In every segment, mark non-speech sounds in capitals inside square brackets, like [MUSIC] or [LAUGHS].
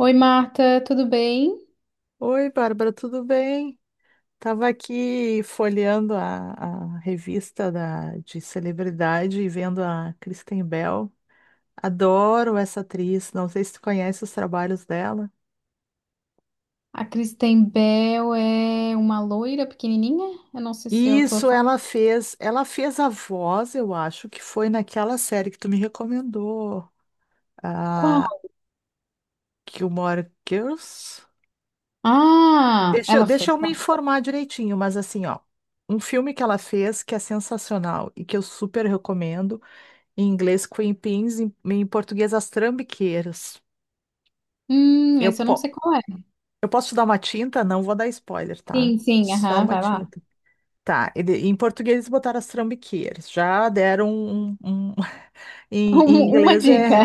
Oi, Marta, tudo bem? Oi, Bárbara, tudo bem? Tava aqui folheando a revista de celebridade e vendo a Kristen Bell. Adoro essa atriz, não sei se tu conhece os trabalhos dela. A Kristen Bell é uma loira pequenininha? Eu não sei se eu tô Isso, falando. Ela fez a voz, eu acho, que foi naquela série que tu me recomendou, Qual? a Gilmore Girls. Ah, ela Deixa fez. eu me informar direitinho, mas assim, ó, um filme que ela fez que é sensacional e que eu super recomendo. Em inglês, Queen Pins, em português, As Trambiqueiras. Eu, Esse eu não po- sei qual é. eu posso te dar uma tinta? Não vou dar spoiler, tá? Sim, sim, Só aham, uma vai lá. [LAUGHS] tinta. Tá, em português eles botaram As Trambiqueiras. Já deram [LAUGHS] em Um- uma inglês dica.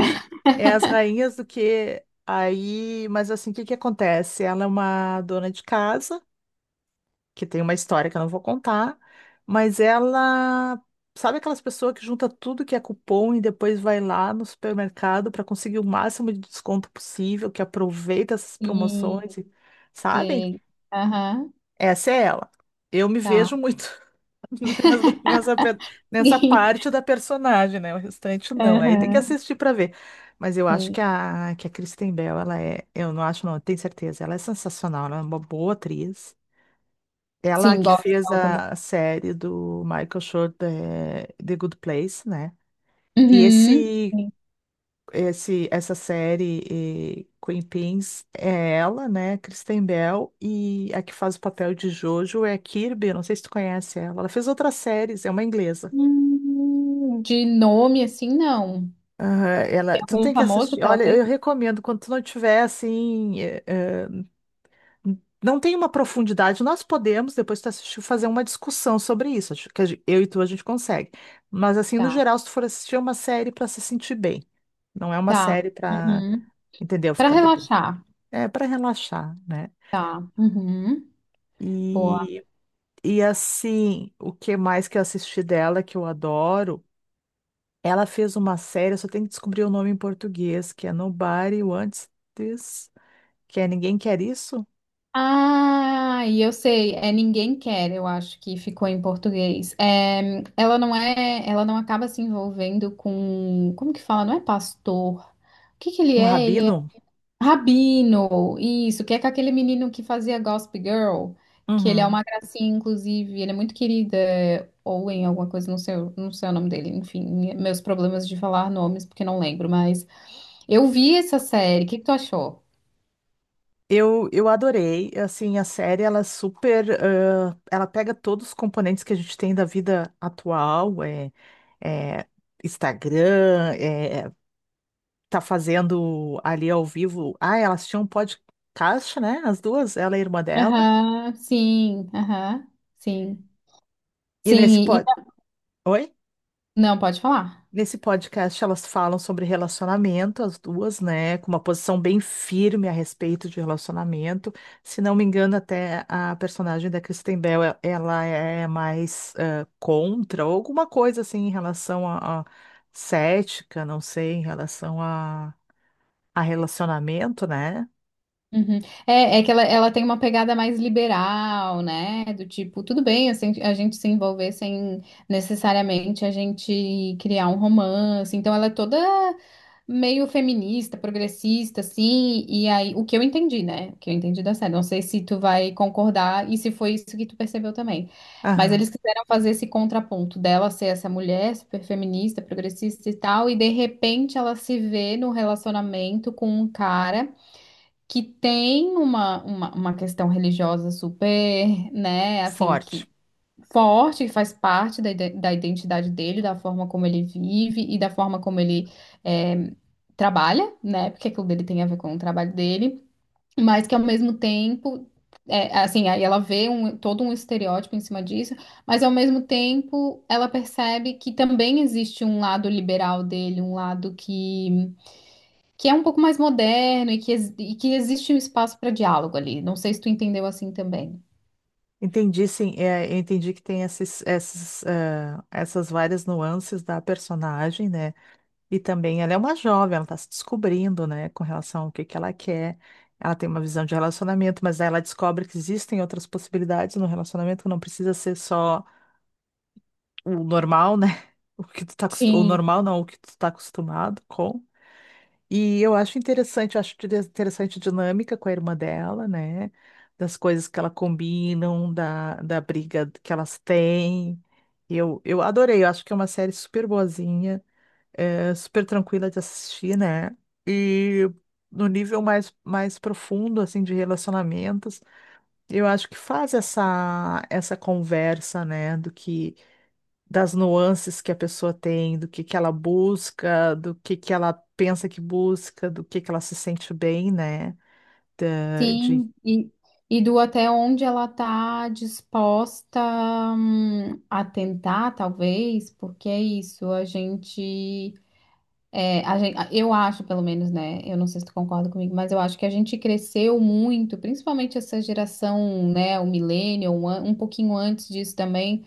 é As [LAUGHS] Rainhas do que... Aí, mas assim, o que que acontece? Ela é uma dona de casa, que tem uma história que eu não vou contar, mas ela. Sabe aquelas pessoas que junta tudo que é cupom e depois vai lá no supermercado para conseguir o máximo de desconto possível, que aproveita essas Sim, promoções, e- sabe? sei. Aham, Essa é ela. Eu me vejo tá. muito [LAUGHS] nessa, nessa pe- [LAUGHS] nessa Sim. parte da personagem, né? O restante não. Aí tem que Aham, assistir para ver. Mas eu acho sim. Que a Kristen Bell, ela é. Eu não acho, não, eu tenho certeza. Ela é sensacional, ela é uma boa atriz. Ela Sim, que gosto fez dela também. a série do Michael Schur, The Good Place, né? E Uhum. Sim. Essa série, Queen Pins, é ela, né? Kristen Bell, e a que faz o papel de Jojo é a Kirby, não sei se tu conhece ela. Ela fez outras séries, é uma inglesa. De nome assim, não. Aham, Tem ela, tu algum tem que famoso assistir. que ela Olha, fez? eu recomendo, quando tu não tiver, assim, não tem uma profundidade. Nós podemos, depois que tu assistir, fazer uma discussão sobre isso. Acho que a eu e tu a gente consegue. Mas, assim, no Tá, geral, se tu for assistir, é uma série para se sentir bem. Não é uma tá. série para, Uhum. entendeu? Pra Ficar de bem. relaxar, É para relaxar, né? tá. Uhum. Boa. E, assim, o que mais que eu assisti dela, que eu adoro, ela fez uma série, eu só tenho que descobrir o nome em português, que é Nobody Wants This, que é Ninguém Quer Isso? Ah, e eu sei, é Ninguém Quer, eu acho que ficou em português. É, ela não acaba se envolvendo com, como que fala? Não é pastor. O que que ele Um é? Ele é Rabino? rabino. Isso, que é com aquele menino que fazia Gossip Girl, que ele é uma Uhum. gracinha, inclusive, ele é muito querido, é Owen, alguma coisa, não sei, não sei o nome dele, enfim, meus problemas de falar nomes porque não lembro, mas eu vi essa série. O que que tu achou? Eu adorei, assim, a série, ela é super, ela pega todos os componentes que a gente tem da vida atual, é Instagram, tá fazendo ali ao vivo, ah, elas tinham um podcast, né, as duas, ela e a irmã dela, Aham, sim, aham, sim. e Sim, nesse e Oi? não, pode falar. Nesse podcast, elas falam sobre relacionamento, as duas, né? Com uma posição bem firme a respeito de relacionamento. Se não me engano, até a personagem da Kristen Bell, ela é mais contra, ou alguma coisa assim em relação a cética, não sei, em relação a relacionamento, né? Uhum. É, ela tem uma pegada mais liberal, né? Do tipo, tudo bem assim, a gente se envolver sem necessariamente a gente criar um romance. Então ela é toda meio feminista, progressista, assim. E aí, o que eu entendi, né? O que eu entendi da série. Não sei se tu vai concordar e se foi isso que tu percebeu também. Mas Aham, eles quiseram fazer esse contraponto dela ser essa mulher super feminista, progressista e tal, e de repente ela se vê no relacionamento com um cara que tem uma questão religiosa super, né, assim, forte. que forte, que faz parte da, da identidade dele, da forma como ele vive e da forma como ele é, trabalha, né, porque aquilo dele tem a ver com o trabalho dele, mas que ao mesmo tempo. É, assim, aí ela vê todo um estereótipo em cima disso, mas ao mesmo tempo ela percebe que também existe um lado liberal dele, um lado que é um pouco mais moderno e que, e que existe um espaço para diálogo ali. Não sei se tu entendeu assim também. Entendi, sim, é, eu entendi que tem essas várias nuances da personagem, né? E também ela é uma jovem, ela está se descobrindo, né, com relação ao que ela quer. Ela tem uma visão de relacionamento, mas aí ela descobre que existem outras possibilidades no relacionamento, que não precisa ser só o normal, né? [LAUGHS] O que tu tá, o Sim. normal não, o que tu tá acostumado com. Eu acho interessante, eu acho interessante a dinâmica com a irmã dela, né? Das coisas que ela combinam, da briga que elas têm. Eu adorei, eu acho que é uma série super boazinha é super tranquila de assistir, né? E no nível mais profundo, assim, de relacionamentos, eu acho que faz essa conversa, né? Do que, das nuances que a pessoa tem, do que ela busca, do que ela pensa que busca, do que ela se sente bem, né? Da- De, Sim, e do até onde ela está disposta, a tentar, talvez, porque é isso, a gente, é, a gente, eu acho, pelo menos, né? Eu não sei se tu concorda comigo, mas eu acho que a gente cresceu muito, principalmente essa geração, né, o millennial, um, um pouquinho antes disso também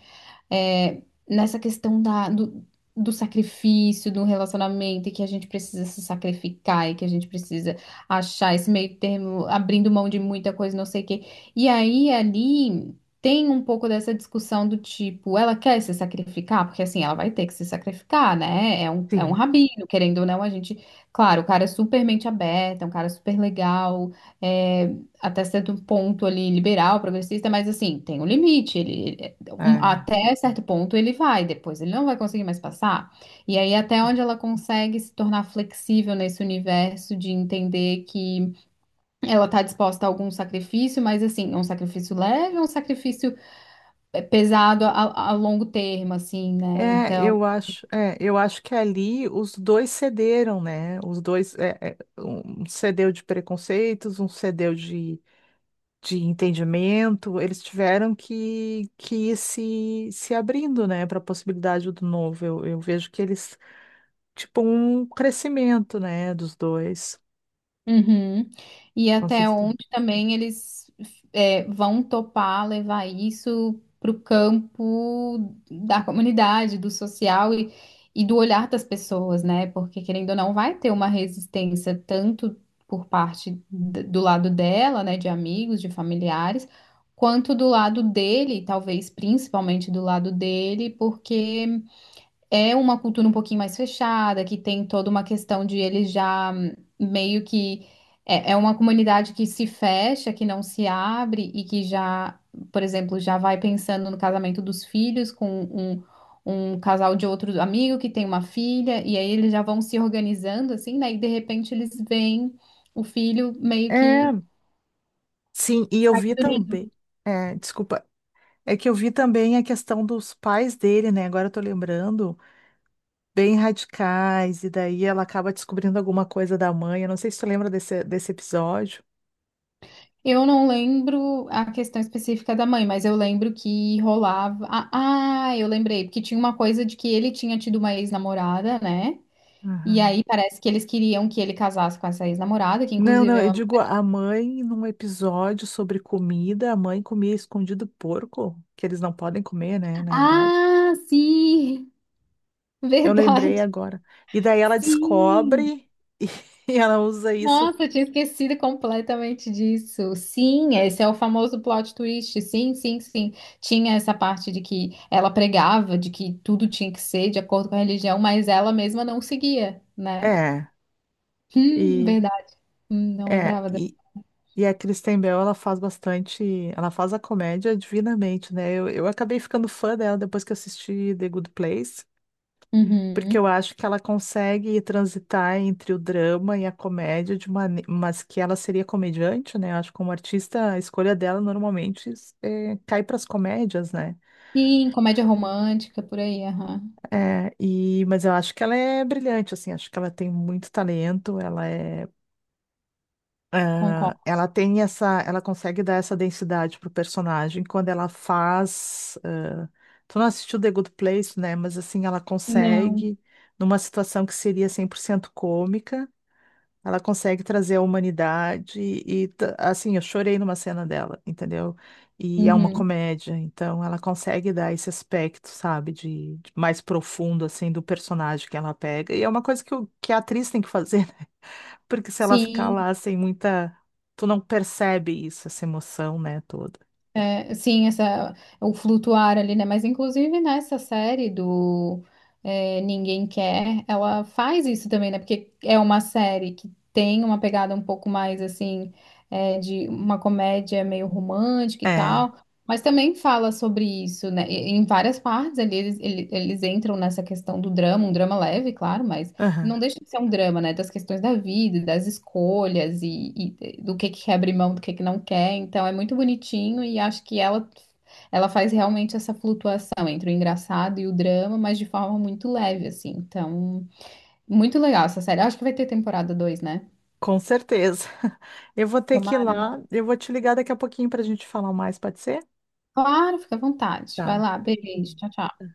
é, nessa questão da, do, do sacrifício, do relacionamento, e que a gente precisa se sacrificar, e que a gente precisa achar esse meio termo, abrindo mão de muita coisa, não sei o quê. E aí, ali, tem um pouco dessa discussão do tipo, ela quer se sacrificar? Porque, assim, ela vai ter que se sacrificar, né? É um sim. rabino, querendo ou não, a gente... Claro, o cara é super mente aberta, é um cara super legal, é, até certo ponto ali liberal, progressista, mas assim, tem um limite. Ele, É. até certo ponto ele vai, depois ele não vai conseguir mais passar. E aí, até onde ela consegue se tornar flexível nesse universo de entender que ela está disposta a algum sacrifício, mas assim, é um sacrifício leve, é um sacrifício pesado a longo termo, assim, né? Então. Eu acho que ali os dois cederam, né? Os dois, um cedeu de preconceitos, um cedeu de entendimento, eles tiveram que ir se abrindo, né, para a possibilidade do novo. Eu vejo que eles, tipo, um crescimento, né, dos dois. Uhum. E até Vocês tu- onde também eles é, vão topar levar isso para o campo da comunidade, do social e do olhar das pessoas, né? Porque querendo ou não, vai ter uma resistência tanto por parte do lado dela, né, de amigos, de familiares, quanto do lado dele, talvez principalmente do lado dele, porque é uma cultura um pouquinho mais fechada, que tem toda uma questão de eles já meio que é, é uma comunidade que se fecha, que não se abre e que já, por exemplo, já vai pensando no casamento dos filhos com um, um casal de outro amigo que tem uma filha, e aí eles já vão se organizando assim, né? E de repente eles veem o filho meio É, que sim, e eu vi também. É, desculpa. É que eu vi também a questão dos pais dele, né? Agora eu tô lembrando, bem radicais, e daí ela acaba descobrindo alguma coisa da mãe. Eu não sei se tu lembra desse episódio. Eu não lembro a questão específica da mãe, mas eu lembro que rolava. Eu lembrei, porque tinha uma coisa de que ele tinha tido uma ex-namorada, né? E Aham. aí parece que eles queriam que ele casasse com essa ex-namorada, que Não, inclusive não, é eu uma... digo a mãe num episódio sobre comida, a mãe comia escondido porco, que eles não podem comer, né, na verdade. Ah, sim! [LAUGHS] Eu lembrei Verdade! agora. E daí ela Sim! descobre e, [LAUGHS] e ela usa isso. Nossa, eu tinha esquecido completamente disso. Sim, esse é o famoso plot twist. Sim, sim, sim. Tinha essa parte de que ela pregava, de que tudo tinha que ser de acordo com a religião, mas ela mesma não seguia, né? É, e Verdade. Não é, lembrava dela. e, e a Kristen Bell, ela faz bastante, ela faz a comédia divinamente, né? Eu acabei ficando fã dela depois que assisti The Good Place. Porque Uhum. eu acho que ela consegue transitar entre o drama e a comédia de uma, mas que ela seria comediante, né? Eu acho que como artista a escolha dela normalmente cai para as comédias, né? Sim, comédia romântica, por aí, aham. É, e mas eu acho que ela é brilhante, assim, acho que ela tem muito talento, ela é, Concordo. ela tem essa, ela consegue dar essa densidade pro personagem quando ela faz. Ah, tu não assistiu The Good Place, né? Mas assim ela Não. consegue numa situação que seria 100% cômica. Ela consegue trazer a humanidade e, assim, eu chorei numa cena dela, entendeu? E é uma Uhum. comédia, então ela consegue dar esse aspecto, sabe, de mais profundo, assim, do personagem que ela pega. E é uma coisa que, o, que a atriz tem que fazer, [LAUGHS] né? Porque se ela ficar Sim. lá sem muita. Tu não percebe isso, essa emoção, né, toda. É, sim, essa, o flutuar ali, né? Mas inclusive nessa série do é, Ninguém Quer, ela faz isso também, né? Porque é uma série que tem uma pegada um pouco mais assim, é, de uma comédia meio romântica e É, tal, mas também fala sobre isso, né? E- Em várias partes ali eles entram nessa questão do drama, um drama leve, claro, mas aham, não deixa de ser um drama, né? Das questões da vida, das escolhas e do que quer abrir mão, do que não quer. Então é muito bonitinho e acho que ela faz realmente essa flutuação entre o engraçado e o drama, mas de forma muito leve, assim. Então, muito legal essa série. Acho que vai ter temporada 2, né? com certeza. [LAUGHS] Eu vou ter que ir Tomara, né? lá, eu vou te ligar daqui a pouquinho pra gente falar mais, pode ser? Claro, fica à vontade. Vai Tá. lá, beijo, Beijinho. tchau, tchau.